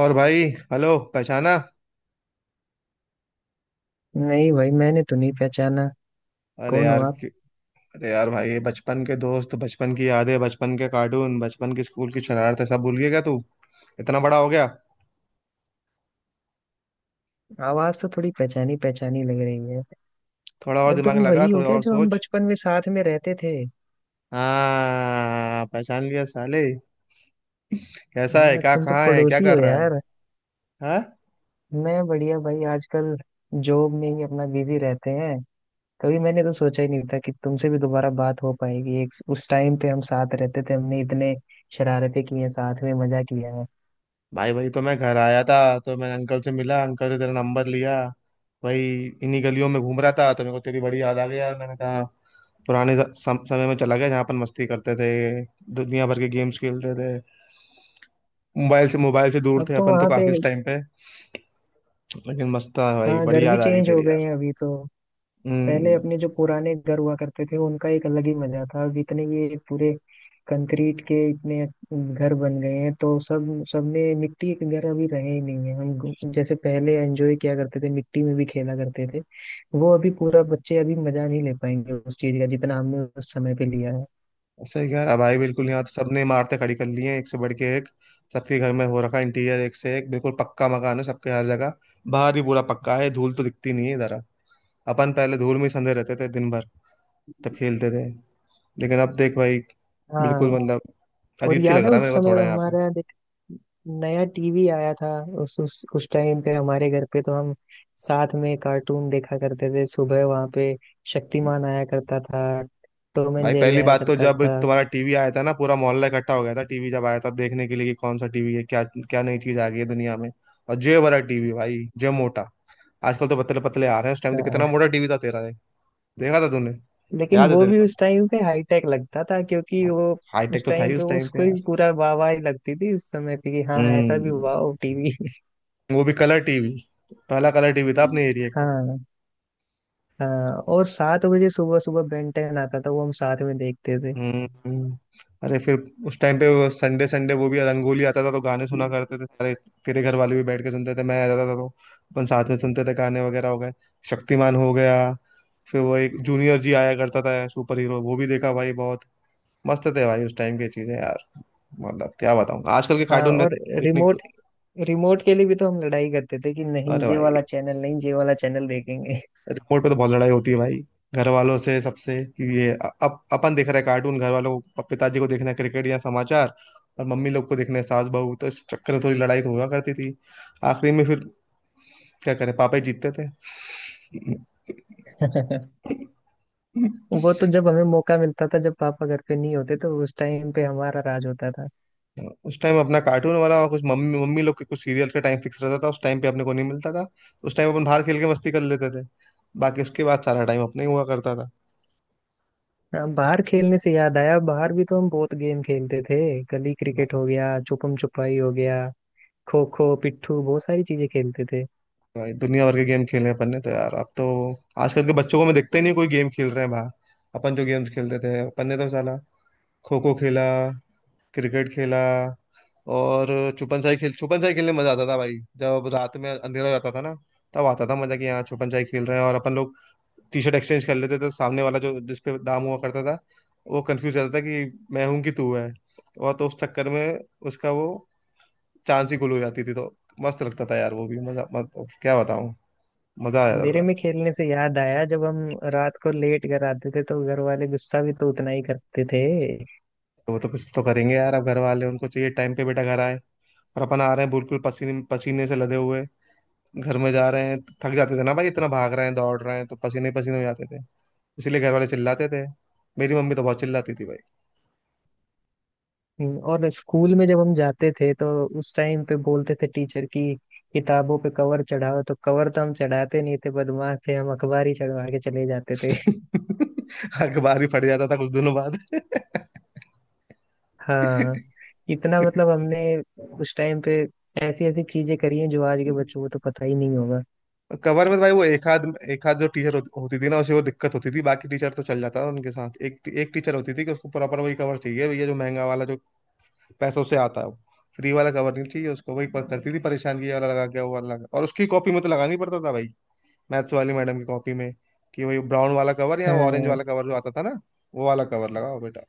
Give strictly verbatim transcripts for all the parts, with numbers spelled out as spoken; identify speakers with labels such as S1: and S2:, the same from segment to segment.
S1: और भाई। हेलो, पहचाना?
S2: नहीं भाई मैंने तो नहीं पहचाना।
S1: अरे
S2: कौन हो
S1: यार
S2: आप?
S1: कि- अरे यार भाई, ये बचपन के दोस्त, बचपन की यादें, बचपन के कार्टून, बचपन की स्कूल की शरारतें सब भूल गया क्या तू? इतना बड़ा हो गया।
S2: आवाज तो थोड़ी पहचानी पहचानी लग रही है।
S1: थोड़ा और
S2: अरे
S1: दिमाग
S2: तुम
S1: लगा,
S2: वही हो
S1: थोड़ा
S2: क्या
S1: और
S2: जो हम
S1: सोच।
S2: बचपन में साथ में रहते थे?
S1: हाँ, पहचान लिया साले। कैसा है
S2: हाँ,
S1: क्या,
S2: तुम तो
S1: कहाँ है, क्या
S2: पड़ोसी
S1: कर
S2: हो
S1: रहा है?
S2: यार।
S1: हाँ
S2: मैं बढ़िया भाई। आजकल जॉब में ही अपना बिजी रहते हैं। कभी मैंने तो सोचा ही नहीं था कि तुमसे भी दोबारा बात हो पाएगी। एक उस टाइम पे हम साथ रहते थे, हमने इतने शरारतें की हैं साथ में, मजा किया है।
S1: भाई, वही तो मैं घर आया था। तो मैंने अंकल से मिला, अंकल से तेरा नंबर लिया। वही इन्हीं गलियों में घूम रहा था तो मेरे को तेरी बड़ी याद आ गई यार। मैंने कहा पुराने ज- सम, समय में चला गया जहाँ अपन मस्ती करते थे, दुनिया भर के गेम्स खेलते थे। मोबाइल से मोबाइल से दूर
S2: अब
S1: थे
S2: तो
S1: अपन तो
S2: वहां पे।
S1: काफी उस टाइम पे। लेकिन मस्त था भाई,
S2: हाँ,
S1: बड़ी
S2: घर भी
S1: याद आ रही है
S2: चेंज हो
S1: तेरी
S2: गए
S1: यार।
S2: हैं अभी तो। पहले
S1: हम्म
S2: अपने जो पुराने घर हुआ करते थे उनका एक अलग ही मजा था। अब इतने ये पूरे कंक्रीट के इतने घर बन गए हैं, तो सब सबने मिट्टी के घर अभी रहे ही नहीं है। हम गु- जैसे पहले एंजॉय किया करते थे, मिट्टी में भी खेला करते थे। वो अभी पूरा बच्चे अभी मजा नहीं ले पाएंगे उस चीज का जितना हमने उस समय पे लिया है।
S1: सही कह रहा भाई, बिल्कुल। यहाँ तो सबने इमारतें खड़ी कर ली हैं एक से बढ़ के एक। सबके घर में हो रखा इंटीरियर, एक से एक बिल्कुल पक्का मकान है सबके, हर जगह बाहर भी पूरा पक्का है। धूल तो दिखती नहीं है इधर। अपन पहले धूल में ही संधे रहते थे दिन भर जब खेलते थे। लेकिन अब देख भाई,
S2: हाँ।
S1: बिल्कुल, मतलब
S2: और
S1: अजीब सी लग
S2: याद है
S1: रहा है
S2: उस
S1: मेरे को
S2: समय
S1: थोड़ा यहाँ पे।
S2: हमारा, देख, नया टीवी आया था। उस उस उस टाइम पे हमारे घर पे तो हम साथ में कार्टून देखा करते थे सुबह। वहां पे शक्तिमान आया करता था, टॉम एंड
S1: भाई
S2: जेरी
S1: पहली
S2: आया
S1: बात तो,
S2: करता
S1: जब
S2: था।
S1: तुम्हारा टीवी आया था ना, पूरा मोहल्ला इकट्ठा हो गया था टीवी जब आया था देखने के लिए कि कौन सा टीवी है क्या, क्या नई चीज आ गई है दुनिया में। और जे बड़ा टीवी भाई, जे मोटा। आजकल तो पतले पतले आ रहे हैं, उस टाइम तो
S2: हाँ,
S1: कितना मोटा टीवी था तेरा ये। देखा था तूने,
S2: लेकिन
S1: याद है
S2: वो
S1: तेरे
S2: भी
S1: को
S2: उस टाइम पे हाईटेक लगता था, क्योंकि
S1: भाई?
S2: वो
S1: हाईटेक
S2: उस
S1: तो था
S2: टाइम
S1: ही
S2: पे
S1: उस टाइम पे
S2: उसको ही
S1: यार।
S2: पूरा वाह वाह ही लगती थी उस समय पे कि हाँ ऐसा भी,
S1: हम्म
S2: वाह टीवी।
S1: वो भी कलर टीवी, पहला कलर टीवी था अपने एरिया का।
S2: हाँ। हाँ, और सात बजे सुबह सुबह बेन टेन आता था, वो हम साथ में देखते थे।
S1: हम्म अरे फिर उस टाइम पे वो संडे संडे वो भी रंगोली आता था तो गाने सुना करते थे सारे। तेरे घर वाले भी बैठ के सुनते थे, मैं आ जाता था तो अपन साथ में सुनते थे गाने वगैरह। हो गए शक्तिमान हो गया, फिर वो एक जूनियर जी आया करता था सुपर हीरो, वो भी देखा भाई बहुत। मस्त थे भाई उस टाइम की चीजें यार। मतलब क्या बताऊं आजकल के
S2: हाँ।
S1: कार्टून में
S2: और
S1: देखने को।
S2: रिमोट रिमोट के लिए भी तो हम लड़ाई करते थे कि नहीं
S1: अरे
S2: ये
S1: भाई,
S2: वाला चैनल, नहीं ये वाला चैनल देखेंगे।
S1: रिमोट पे तो बहुत लड़ाई होती है भाई घर वालों से, सबसे, कि ये अ- अप, अपन देख रहे हैं कार्टून, घर वालों को, पिताजी को देखना है क्रिकेट या समाचार, और मम्मी लोग को देखना है सास बहू। तो इस चक्कर में थोड़ी लड़ाई तो हुआ करती थी। आखिरी में फिर क्या करें, पापा ही जीतते थे।
S2: वो तो जब हमें मौका मिलता था, जब पापा घर पे नहीं होते, तो उस टाइम पे हमारा राज होता था।
S1: उस टाइम अपना कार्टून वाला और कुछ मम्मी मम्मी लोग के कुछ सीरियल का टाइम फिक्स रहता था, उस टाइम पे अपने को नहीं मिलता था तो उस टाइम अपन बाहर खेल के मस्ती कर लेते थे। बाकी उसके बाद सारा टाइम अपने ही हुआ करता
S2: हाँ, बाहर खेलने से याद आया, बाहर भी तो हम बहुत गेम खेलते थे। गली
S1: था।
S2: क्रिकेट हो गया, छुपम छुपाई हो गया, खो खो, पिट्ठू, बहुत सारी चीजें खेलते थे।
S1: भाई दुनिया भर के गेम खेले हैं अपन ने तो यार। अब तो आजकल के बच्चों को मैं देखता ही नहीं कोई गेम खेल रहे हैं बाहर। अपन जो गेम्स खेलते थे अपन ने तो साला, खो खो खेला, क्रिकेट खेला, और छुपन छाई खेल, छुपन छाई खेलने में मजा आता था भाई। जब रात में अंधेरा हो जाता था ना, तब आता था मजा कि यहाँ छुपन छाई खेल रहे हैं और अपन लोग टी शर्ट एक्सचेंज कर लेते थे, तो सामने वाला जो जिस पे दाम हुआ करता था वो कंफ्यूज रहता था कि मैं हूं कि तू है। और तो उस चक्कर में उसका वो चांद सी गुल हो जाती थी। तो मस्त लगता था यार, वो भी मजा मत, क्या बताऊँ, मजा आ जाता
S2: अंधेरे
S1: था।
S2: में खेलने से याद आया, जब हम रात को लेट घर आते थे तो घर वाले गुस्सा भी तो उतना ही करते थे।
S1: तो वो तो कुछ तो करेंगे यार। अब घर वाले, उनको चाहिए टाइम पे बेटा घर आए, और अपन आ रहे हैं बिल्कुल पसीने पसीने से लदे हुए घर में जा रहे हैं। थक जाते थे ना भाई, इतना भाग रहे हैं दौड़ रहे हैं तो पसीने पसीने हो जाते थे। इसीलिए घर वाले चिल्लाते थे। मेरी मम्मी तो बहुत चिल्लाती थी भाई।
S2: हम्म, और स्कूल में जब हम जाते थे तो उस टाइम पे बोलते थे टीचर की, किताबों पे कवर चढ़ाओ, तो कवर तो हम चढ़ाते नहीं थे, बदमाश थे हम, अखबार ही चढ़वा के चले जाते थे।
S1: अखबार ही फट जाता था कुछ दिनों बाद।
S2: हाँ। इतना मतलब हमने उस टाइम पे ऐसी ऐसी चीजें करी हैं जो आज के बच्चों को तो पता ही नहीं होगा।
S1: कवर में तो भाई वो एक आध, एक आध जो टीचर होती थी ना उसे वो दिक्कत होती थी, बाकी टीचर तो चल जाता था उनके साथ। एक एक टीचर होती थी कि उसको प्रॉपर वही कवर चाहिए भैया जो महंगा वाला, जो पैसों से आता है वो। फ्री वाला कवर नहीं चाहिए उसको, वही पर करती थी परेशान, किया वाला लगा क्या, वो वाला लगा, और उसकी कॉपी में तो लगाना ही पड़ता था भाई, मैथ्स वाली मैडम की कॉपी में कि वही ब्राउन वाला कवर या ऑरेंज
S2: हाँ।
S1: वाला कवर जो आता था ना वो वाला कवर लगाओ बेटा।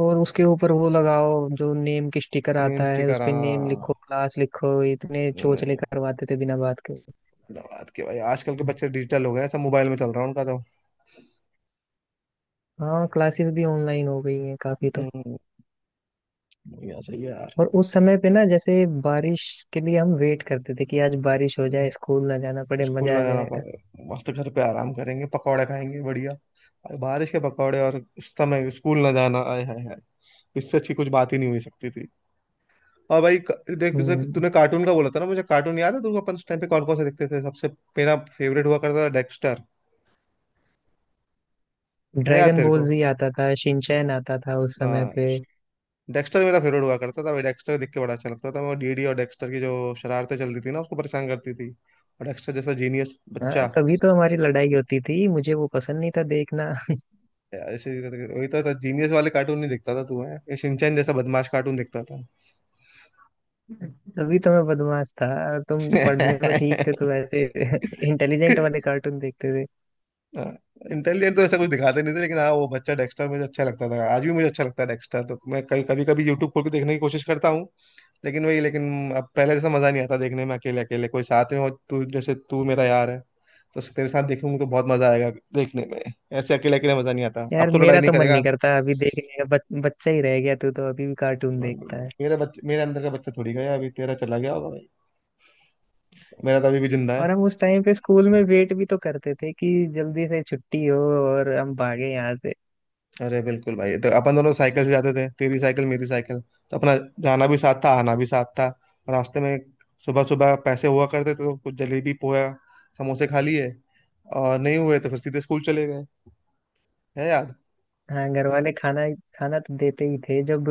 S2: और उसके ऊपर वो लगाओ जो नेम की स्टिकर
S1: नेम
S2: आता है,
S1: स्टिकर,
S2: उस पे नेम लिखो,
S1: हाँ।
S2: क्लास लिखो। इतने
S1: हम्म,
S2: चोचले करवाते थे बिना बात के।
S1: बड़ा बात के भाई, आजकल के बच्चे डिजिटल हो गए, सब मोबाइल में चल रहा है उनका तो।
S2: हाँ, क्लासेस भी ऑनलाइन हो गई हैं काफी तो।
S1: हम्म, बढ़िया, सही है यार।
S2: और उस समय पे ना, जैसे बारिश के लिए हम वेट करते थे कि आज बारिश हो जाए, स्कूल ना जाना पड़े,
S1: स्कूल
S2: मजा
S1: ना
S2: आ
S1: जाना
S2: जाएगा।
S1: पड़ेगा, मस्त घर पे आराम करेंगे, पकौड़े खाएंगे बढ़िया। और बारिश के पकौड़े और उस समय स्कूल ना जाना, आए हाय हाय, इससे अच्छी कुछ बात ही नहीं हुई सकती थी। और भाई क- देख जैसे कि
S2: हम्म
S1: तूने कार्टून का बोला था ना, मुझे कार्टून याद है, तुमको अपन उस टाइम पे कौन कौन से देखते थे सबसे? मेरा फेवरेट हुआ करता था डेक्स्टर। है याद
S2: ड्रैगन
S1: तेरे
S2: बॉल
S1: को?
S2: जी आता था, शिनचैन आता था उस समय
S1: हाँ,
S2: पे।
S1: डेक्स्टर मेरा फेवरेट हुआ करता था भाई, डेक्स्टर देख के बड़ा अच्छा लगता था मैं। डीडी और डेक्स्टर की जो शरारतें चलती थी ना, उसको परेशान करती थी, और डेक्स्टर जैसा जीनियस
S2: हाँ,
S1: बच्चा।
S2: तभी तो हमारी लड़ाई होती थी, मुझे वो पसंद नहीं था देखना।
S1: यार ऐसे वही तो था जीनियस वाले, कार्टून नहीं देखता था तू, है ये शिनचैन जैसा बदमाश कार्टून देखता था।
S2: तभी तो मैं बदमाश था, और तुम पढ़ने में ठीक थे, तो ऐसे इंटेलिजेंट वाले कार्टून देखते थे।
S1: इंटेलिजेंट तो ऐसा कुछ दिखाते नहीं थे, लेकिन हाँ वो बच्चा डेक्स्टर मुझे अच्छा लगता था, आज भी मुझे अच्छा लगता है डेक्स्टर। तो मैं कभी कभी कभी यूट्यूब खोल के देखने की कोशिश करता हूँ, लेकिन वही, लेकिन अब पहले जैसा मजा नहीं आता देखने में अकेले अकेले। कोई साथ में हो, तू जैसे, तू मेरा यार है तो तेरे साथ देखूंगा तो बहुत मजा आएगा देखने में। ऐसे अकेले अकेले मजा नहीं आता। अब
S2: यार
S1: तो लड़ाई
S2: मेरा
S1: नहीं
S2: तो मन
S1: करेगा।
S2: नहीं करता अभी देखने का। बच, बच्चा ही रह गया तू तो, अभी भी कार्टून देखता है।
S1: मेरा बच्चे मेरे अंदर का बच्चा थोड़ी गया, अभी तेरा चला गया होगा, मेरा तो अभी भी जिंदा है।
S2: और हम उस टाइम पे स्कूल में वेट भी तो करते थे कि जल्दी से छुट्टी हो और हम भागे यहाँ से।
S1: अरे बिल्कुल भाई, तो अपन दोनों साइकिल से जाते थे, तेरी साइकिल मेरी साइकिल, तो अपना जाना भी साथ था आना भी साथ था। रास्ते में सुबह सुबह पैसे हुआ करते थे तो कुछ जलेबी पोया समोसे खा लिए, और नहीं हुए तो फिर सीधे स्कूल चले गए। है याद?
S2: हाँ, घर वाले खाना खाना तो देते ही थे जब।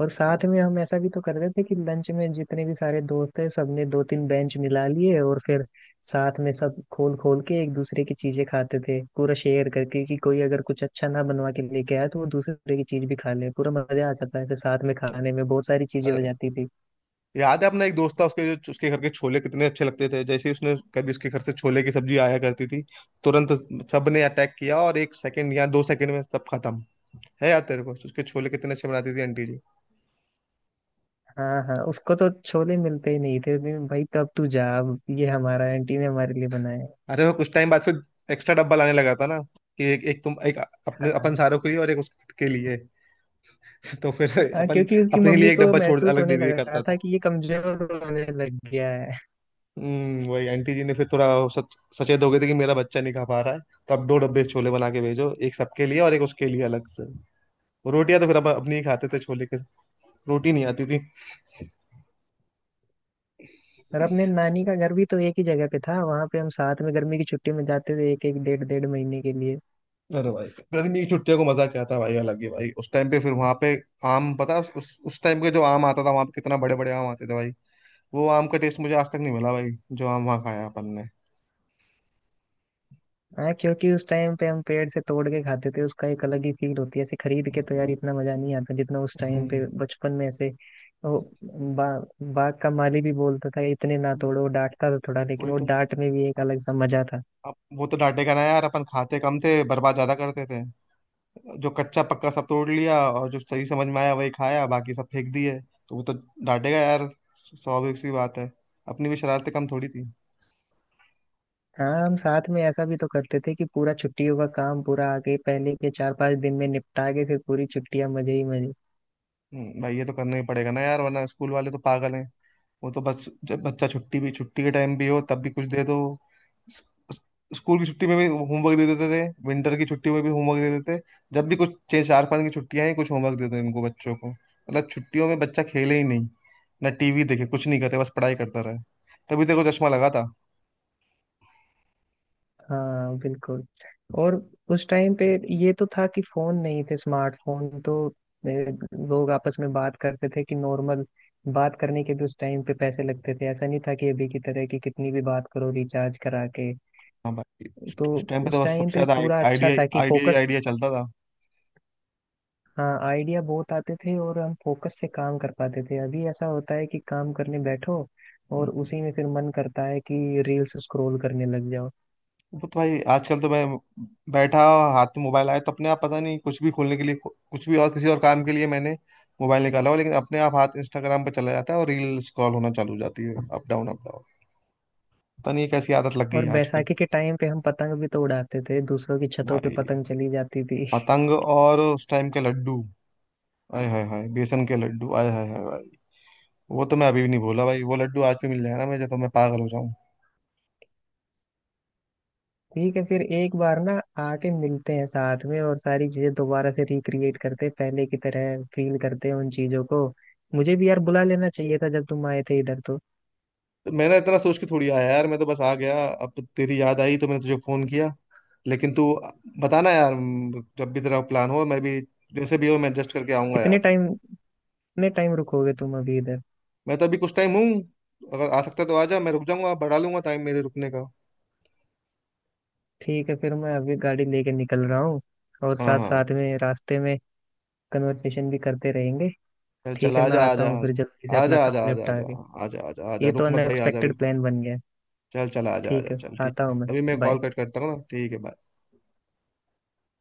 S2: और साथ में हम ऐसा भी तो करते थे कि लंच में जितने भी सारे दोस्त थे सबने दो तीन बेंच मिला लिए, और फिर साथ में सब खोल खोल के एक दूसरे की चीजें खाते थे, पूरा शेयर करके। कि कोई अगर कुछ अच्छा ना बनवा के लेके आया, तो वो दूसरे की चीज भी खा ले। पूरा मजा आ जाता है ऐसे साथ में खाने में, बहुत सारी चीजें हो
S1: अरे
S2: जाती थी।
S1: याद है, अपना एक दोस्त था उसके जो उसके घर के छोले कितने अच्छे लगते थे। जैसे ही उसने कभी उसके घर से छोले की सब्जी आया करती थी, तुरंत सबने अटैक किया और एक सेकंड या दो सेकंड में सब खत्म। है याद तेरे को, उसके छोले कितने अच्छे बनाती थी आंटी।
S2: हाँ, हाँ, उसको तो छोले मिलते ही नहीं थे। नहीं, भाई कब तू जा, अब ये हमारा, आंटी ने हमारे लिए बनाया है।
S1: अरे वो कुछ टाइम बाद फिर एक्स्ट्रा डब्बा लाने लगा था ना, कि एक एक तुम एक अपने अपन
S2: हाँ।
S1: सारों के लिए और एक उसके खुद के लिए। तो फिर
S2: हाँ,
S1: अपन,
S2: क्योंकि उसकी
S1: अपने
S2: मम्मी
S1: लिए एक
S2: को
S1: डब्बा छोड़
S2: महसूस
S1: अलग दे
S2: होने
S1: दिया
S2: लगा
S1: करता
S2: था
S1: था।
S2: कि ये कमजोर होने लग गया है।
S1: हम्म, वही आंटी जी ने फिर थोड़ा सच, सचेत हो गए थे कि मेरा बच्चा नहीं खा पा रहा है, तो अब दो डब्बे छोले बना के भेजो, एक सबके लिए और एक उसके लिए अलग से। रोटियां तो फिर अपन अपनी ही खाते थे, छोले के रोटी नहीं आती थी।
S2: और अपने नानी का घर भी तो एक ही जगह पे था, वहां पे हम साथ में गर्मी की छुट्टी में जाते थे एक एक डेढ़ डेढ़ महीने के लिए।
S1: अरे भाई, गर्मी की छुट्टियों को मजा क्या था भाई, अलग ही भाई उस टाइम पे। फिर वहां पे आम, पता है, उस उस टाइम के जो आम आता था वहां पे, कितना बड़े बड़े आम आते थे भाई, वो आम का टेस्ट मुझे आज तक नहीं मिला भाई जो आम वहाँ खाया अपन ने।
S2: हाँ, क्योंकि उस टाइम पे हम पेड़ से तोड़ के खाते थे, उसका एक अलग ही फील होती है। ऐसे खरीद के तो यार इतना मजा नहीं आता जितना उस टाइम
S1: हम्म
S2: पे बचपन में ऐसे। वो बा, बाग का माली भी बोलता था इतने ना तोड़ो, वो डांटता था थोड़ा, लेकिन
S1: वही
S2: वो
S1: तो।
S2: डांट में भी एक
S1: अब,
S2: अलग सा मजा था।
S1: अब वो तो डांटेगा ना यार। अपन खाते कम थे, बर्बाद ज्यादा करते थे, जो कच्चा पक्का सब तोड़ लिया और जो सही समझ में आया वही खाया, बाकी सब फेंक दिए। तो वो तो डांटेगा यार, स्वाभाविक सी बात है। अपनी भी शरारतें कम थोड़ी थी।
S2: हाँ, हम साथ में ऐसा भी तो करते थे कि पूरा छुट्टियों का काम पूरा आगे पहले के चार पांच दिन में निपटा के, फिर पूरी छुट्टियां मजे ही मजे।
S1: हम्म, भाई ये तो करना ही पड़ेगा ना यार, वरना स्कूल वाले तो पागल हैं। वो तो बस जब बच्चा छुट्टी भी, छुट्टी के टाइम भी हो तब भी कुछ दे दो। स- स- स्कूल की छुट्टी में भी होमवर्क दे देते थे, विंटर की छुट्टी में भी होमवर्क दे देते। जब भी कुछ छह चार पाँच की छुट्टियां हैं कुछ होमवर्क दे दो इनको बच्चों को। मतलब छुट्टियों में बच्चा खेले ही नहीं, ना टीवी देखे, कुछ नहीं करे, बस पढ़ाई करता रहे। तभी तेरे को चश्मा लगा था।
S2: हाँ बिल्कुल। और उस टाइम पे ये तो था कि फोन नहीं थे स्मार्टफोन, तो अ, लोग आपस में बात करते थे कि नॉर्मल। बात करने के भी उस टाइम पे पैसे लगते थे, ऐसा नहीं था कि अभी की तरह कि कितनी भी बात करो रिचार्ज करा के।
S1: हाँ भाई,
S2: तो
S1: उस टाइम पे तो
S2: उस
S1: बस
S2: टाइम
S1: सबसे
S2: पे
S1: ज्यादा
S2: पूरा
S1: आइडिया
S2: अच्छा
S1: आइडिया
S2: था कि
S1: आइडिया ही
S2: फोकस।
S1: आइडिया चलता था।
S2: हाँ, आइडिया बहुत आते थे और हम फोकस से काम कर पाते थे। अभी ऐसा होता है कि काम करने बैठो और
S1: हम्म।
S2: उसी में फिर मन करता है कि रील्स स्क्रॉल करने लग जाओ।
S1: वो तो भाई आजकल तो मैं बैठा, हाथ में मोबाइल आया तो अपने आप, पता नहीं, कुछ भी खोलने के लिए, कुछ भी और किसी और काम के लिए मैंने मोबाइल निकाला हो, लेकिन अपने आप हाथ इंस्टाग्राम पर चला जाता है और रील स्क्रॉल होना चालू हो जाती है, अप डाउन अप डाउन। पता नहीं ये कैसी आदत लग गई
S2: और
S1: है आजकल।
S2: बैसाखी के टाइम पे हम पतंग भी तो उड़ाते थे, दूसरों की छतों पे
S1: भाई
S2: पतंग चली जाती थी।
S1: पतंग, और उस टाइम के लड्डू, आय हाय हाय, बेसन के लड्डू, आय हाय हाय भाई। वो तो मैं अभी भी नहीं भूला भाई, वो लड्डू आज भी मिल जाए ना मुझे तो मैं पागल हो जाऊं।
S2: ठीक है, फिर एक बार ना आके मिलते हैं साथ में, और सारी चीजें दोबारा से रिक्रिएट करते हैं, पहले की तरह फील करते हैं उन चीजों को। मुझे भी यार बुला लेना चाहिए था जब तुम आए थे इधर तो।
S1: तो मैंने इतना सोच के थोड़ी आया यार, मैं तो बस आ गया, अब तेरी याद आई तो मैंने तुझे फोन किया। लेकिन तू बताना यार, म, जब भी तेरा प्लान हो मैं भी, जैसे भी हो मैं एडजस्ट करके आऊंगा
S2: कितने
S1: यार।
S2: टाइम कितने टाइम रुकोगे तुम अभी इधर?
S1: मैं तो अभी कुछ टाइम हूँ, अगर आ सकता है तो आ जा, मैं रुक जाऊंगा, बढ़ा लूंगा टाइम मेरे रुकने का।
S2: ठीक है, फिर मैं अभी गाड़ी लेके निकल रहा हूँ, और
S1: हाँ
S2: साथ
S1: हाँ,
S2: साथ में रास्ते में कन्वर्सेशन भी करते रहेंगे।
S1: चल चल
S2: ठीक है,
S1: आ
S2: मैं
S1: जा आ
S2: आता
S1: जा
S2: हूँ
S1: आ
S2: फिर
S1: जा।
S2: जल्दी से
S1: आ
S2: अपना
S1: जा आ जा
S2: काम
S1: आ जा आ
S2: निपटा
S1: जा
S2: के।
S1: आ जा आ जा। आ जा
S2: ये तो
S1: रुक मत भाई, आ जा
S2: अनएक्सपेक्टेड
S1: बिल्कुल।
S2: प्लान बन गया।
S1: चल चल आ जा आ
S2: ठीक
S1: जा,
S2: है,
S1: चल ठीक
S2: आता
S1: है,
S2: हूँ मैं।
S1: अभी मैं कॉल
S2: बाय।
S1: कट करता हूँ ना, ठीक है bye।